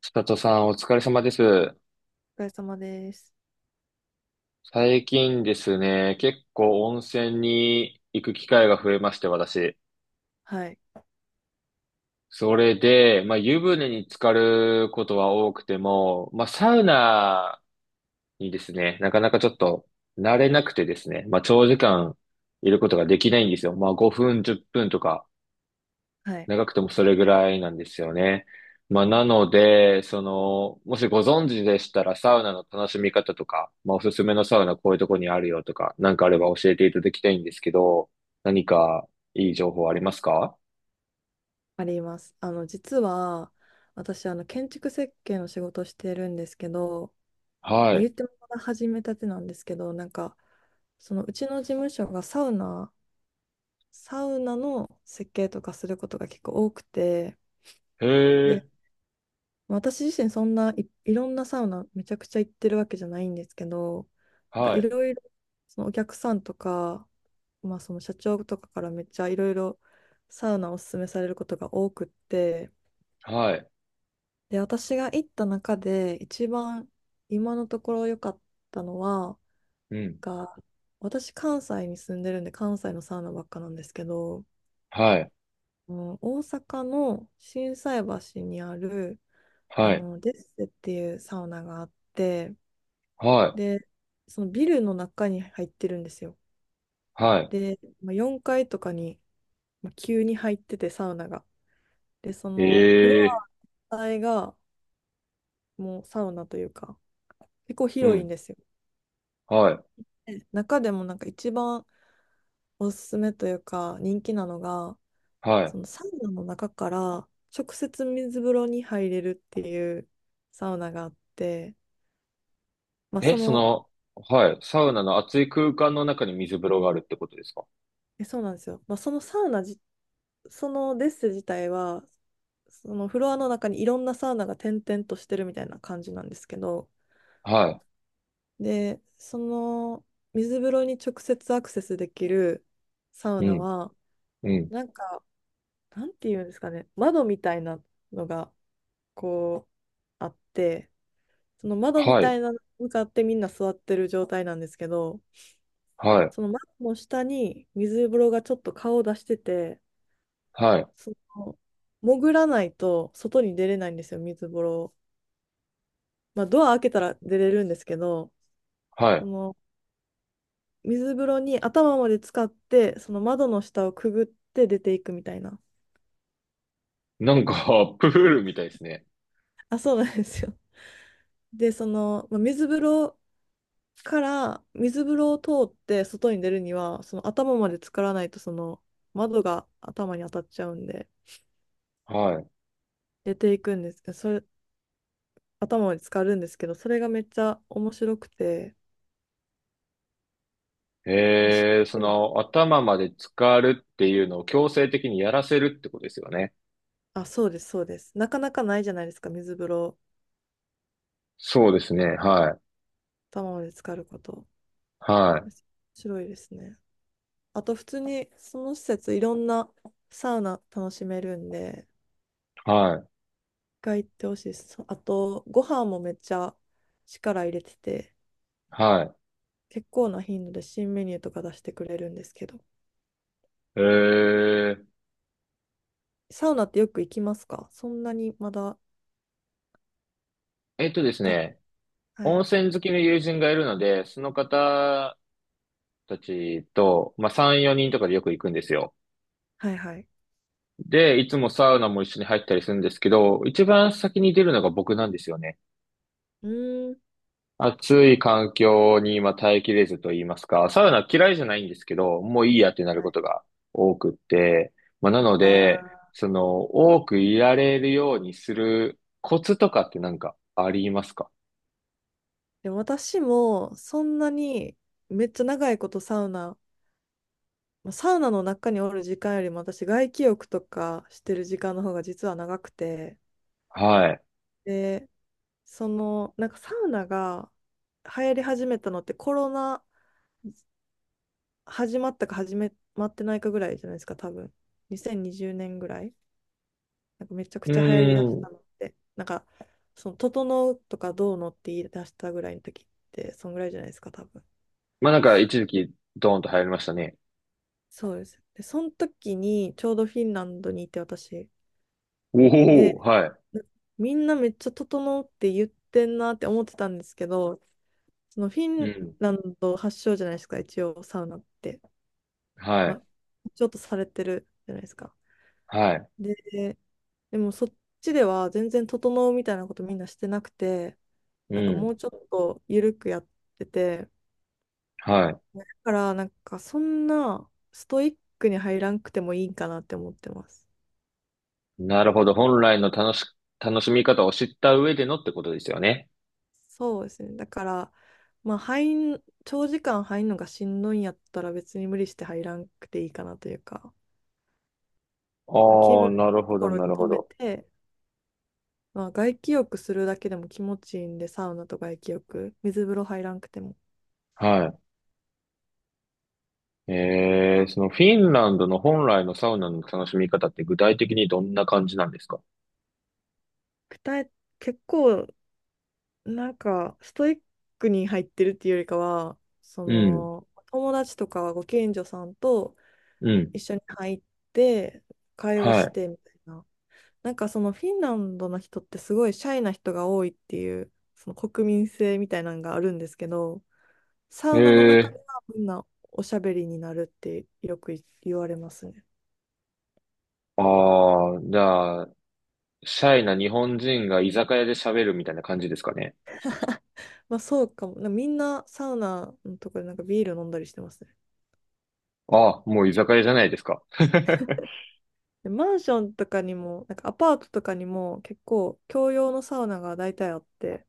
千里さん、お疲れ様です。お疲れ様です。最近ですね、結構温泉に行く機会が増えまして、私。はい。それで、まあ、湯船に浸かることは多くても、まあ、サウナにですね、なかなかちょっと慣れなくてですね、まあ、長時間いることができないんですよ。まあ、5分、10分とかはい。長くてもそれぐらいなんですよね。まあ、なので、その、もしご存知でしたら、サウナの楽しみ方とか、まあ、おすすめのサウナこういうとこにあるよとか、なんかあれば教えていただきたいんですけど、何かいい情報ありますか？あります。実は、私、建築設計の仕事をしてるんですけど、まあ、はい。言ってもまだ始めたてなんですけど、なんか、その、うちの事務所がサウナの設計とかすることが結構多くて、へで、え、まあ私自身そんないいろんなサウナめちゃくちゃ行ってるわけじゃないんですけど、なんはかいい、ろいろそのお客さんとか、まあその社長とかからめっちゃいろいろサウナをおすすめされることが多くって、はい、で、私が行った中で一番今のところ良かったのは、うん、が私関西に住んでるんで関西のサウナばっかなんですけど、はい、うん、大阪の心斎橋にあるあはい、のデッセっていうサウナがあって、はい、で、そのビルの中に入ってるんですよ。はで、まあ、4階とかに、まあ、急に入ってて、サウナが。で、そい、のフロええ、ア全体がもうサウナというか、結構う広いんん、ですよ。はい、で中でもなんか一番おすすめというか、人気なのが、はそい。のサウナの中から直接水風呂に入れるっていうサウナがあって、まあ、え、そその、の、はい、サウナの熱い空間の中に水風呂があるってことですか？えそうなんですよ。まあ、そのサウナ自そのデッセ自体は、そのフロアの中にいろんなサウナが点々としてるみたいな感じなんですけど、はで、その水風呂に直接アクセスできるサウい、うナん、は、うん、なんか、なんていうんですかね、窓みたいなのがこうあって、その窓みはたい。いなのに向かってみんな座ってる状態なんですけど、はい。その窓の下に水風呂がちょっと顔を出してて、はい。その潜らないと外に出れないんですよ、水風呂。まあ、ドア開けたら出れるんですけど、はそい。の水風呂に頭まで浸かって、その窓の下をくぐって出ていくみたいな。なんか、プールみたいですね。あ、そうなんですよ。で、その、まあ、水風呂を通って外に出るには、その頭まで浸からないと、その窓が頭に当たっちゃうんで、はい。出ていくんですけど、それ、頭まで浸かるんですけど、それがめっちゃ面白くて、まあ、しその、頭まで浸かるっていうのを強制的にやらせるってことですよね。あ、そうです、そうです。なかなかないじゃないですか、水風呂、そうですね。はい。頭まで浸かること。は面白いですね。あと普通にその施設いろんなサウナ楽しめるんで、い。はい。一回行ってほしいです。あとご飯もめっちゃ力入れてて、は結構な頻度で新メニューとか出してくれるんですけど、い。えー、サウナってよく行きますか？そんなにまだえっとですか、ね。は温い、泉好きの友人がいるので、その方たちと、まあ、3、4人とかでよく行くんですよ。はいはい。で、いつもサウナも一緒に入ったりするんですけど、一番先に出るのが僕なんですよね。うーん。暑い環境に今耐えきれずと言いますか、サウナ嫌いじゃないんですけど、もういいやってなるはこい。とが多くって、まあ、なのあで、あ。その、多くいられるようにするコツとかってなんかありますか？でも私もそんなにめっちゃ長いことサウナ、まあサウナの中におる時間よりも私外気浴とかしてる時間の方が実は長くて、はい。でそのなんかサウナが流行り始めたのってコロナ始まったか始めまってないかぐらいじゃないですか、多分2020年ぐらい。なんかめちゃくうちゃ流行りーだしん。たのってなんかその「整う」とか「どうの」って言い出したぐらいの時ってそんぐらいじゃないですか、多分。まあ、なんか一時期ドーンと流行りましたね。そうです。でその時にちょうどフィンランドにいて私、おでお、はい。みんなめっちゃ整って言ってんなって思ってたんですけど、そのフィうンん。ランド発祥じゃないですか、一応サウナって。はまい。あ、ちょっとされてるじゃないですか。はい。で、でもそっちでは全然整うみたいなことみんなしてなくて、うなんかもん。うちょっと緩くやってて、だはい。からなんかそんなストイックに入らんくてもいいんかなって思ってます。なるほど。本来の楽しみ方を知った上でのってことですよね。そうですね。だから、まあ、長時間入るのがしんどいんやったら別に無理して入らんくていいかなというか、まあ、気ああ、分いなるいとほこど、ろなでる止ほめど。て、まあ、外気浴するだけでも気持ちいいんで、サウナと外気浴、水風呂入らんくても。はい。そのフィンランドの本来のサウナの楽しみ方って具体的にどんな感じなんですか？くえ、結構、なんか、ストイックに入ってるっていうよりかは、そうん、の、友達とかご近所さんとうん、一緒に入って、会話しはてみたいな。なんかそのフィンランドの人ってすごいシャイな人が多いっていうその国民性みたいなのがあるんですけど、い。サウナの中ではみんなおしゃべりになるってよく言われますね。ああ、じゃあ、シャイな日本人が居酒屋で喋るみたいな感じですかね。まあそうかも。なみんなサウナのとこでなんかビール飲んだりしてますね。あ、もう居酒屋じゃないですか。でマンションとかにも、なんかアパートとかにも結構共用のサウナが大体あって、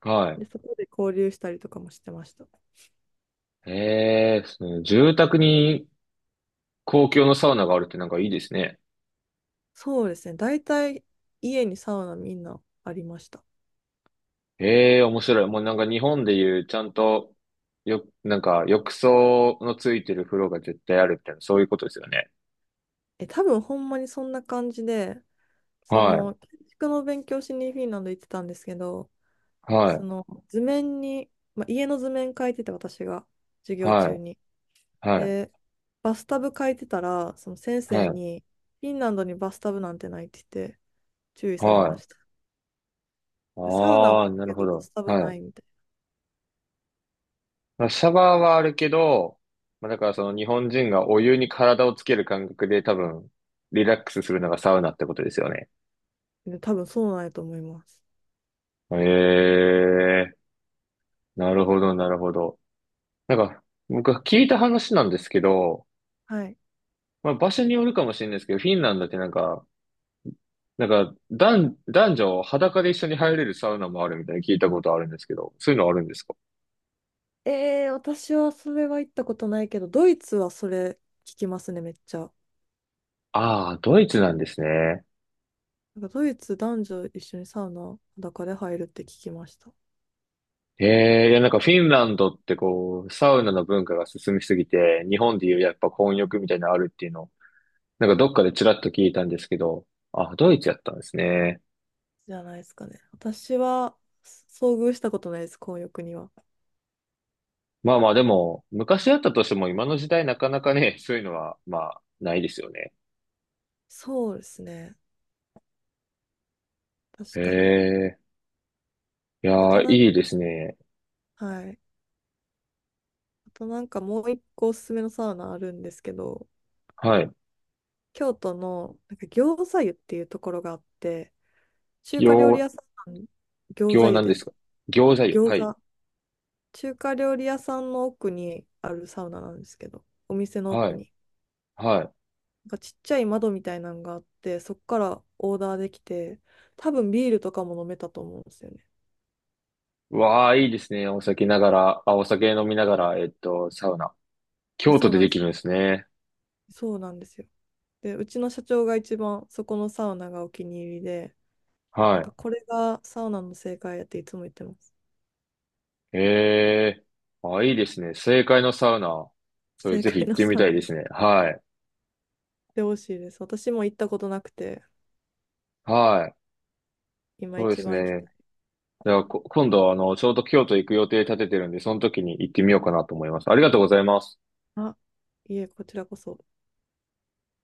はで、そこで交流したりとかもしてました。い。その住宅に公共のサウナがあるってなんかいいですね。そうですね。大体家にサウナみんなありました。ええ面白い。もうなんか日本でいうちゃんと、なんか浴槽のついてる風呂が絶対あるみたいな、そういうことですよね。え、多分ほんまにそんな感じで、そはい、の、建築の勉強しにフィンランド行ってたんですけど、はそい、の図面に、まあ、家の図面描いてて私が授業中はに。い、はい、で、バスタブ描いてたら、その先は生い、に、フィンランドにバスタブなんてないって言って注意されはまい。した。でサウナあはあ、あるなるけほどバど。スタブはない。いみたいまあ、シャワーはあるけど、まあ、だからその日本人がお湯に体をつける感覚で多分、リラックスするのがサウナってことですよね。な。で、多分そうなんやと思います。ええ、なるほど、なるほど。なんか、僕は聞いた話なんですけど、はい。まあ、場所によるかもしれないですけど、フィンランドってなんか、男女裸で一緒に入れるサウナもあるみたいに聞いたことあるんですけど、そういうのあるんですか？えー、私はそれは行ったことないけど、ドイツはそれ聞きますね、めっちゃ。ああー、ドイツなんですね。なんかドイツ男女一緒にサウナ裸で入るって聞きました。ええいやなんかフィンランドってこう、サウナの文化が進みすぎて、日本でいうやっぱ混浴みたいなのあるっていうの、なんかどっかでちらっと聞いたんですけど、あ、ドイツやったんですね。じゃないですかね。私は遭遇したことないです、混浴には。まあまあでも、昔やったとしても今の時代なかなかね、そういうのは、まあ、ないですよね。そうですね。へ確かに。えいあやとー、なん、いいですね。はい。あとなんかもう一個おすすめのサウナあるんですけど、はい。京都のなんか餃子湯っていうところがあって、中華料理行、屋さん、餃子行湯なんでですす。か？餃子湯。餃はい。子。中華料理屋さんの奥にあるサウナなんですけど、お店のは奥い。に。はい。なんかちっちゃい窓みたいなのがあって、そこからオーダーできて、多分ビールとかも飲めたと思うんですよね。うわあ、いいですね。お酒ながら、あ、お酒飲みながら、サウナ。え京そ都うでなんでできす。るんですね。そうなんですよ。で、うちの社長が一番そこのサウナがお気に入りで、なはんかい。これがサウナの正解やっていつも言ってます。ええあ、いいですね。正解のサウナ。それ正ぜひ解行っのてみサたウいナ。でっすね。はい。てほしいです。私も行ったことなくて、はい。今一番そうです行きね。たい。じゃあ、今度、ちょうど京都行く予定立ててるんで、その時に行ってみようかなと思います。ありがとうございます。あ、いえ、こちらこそ。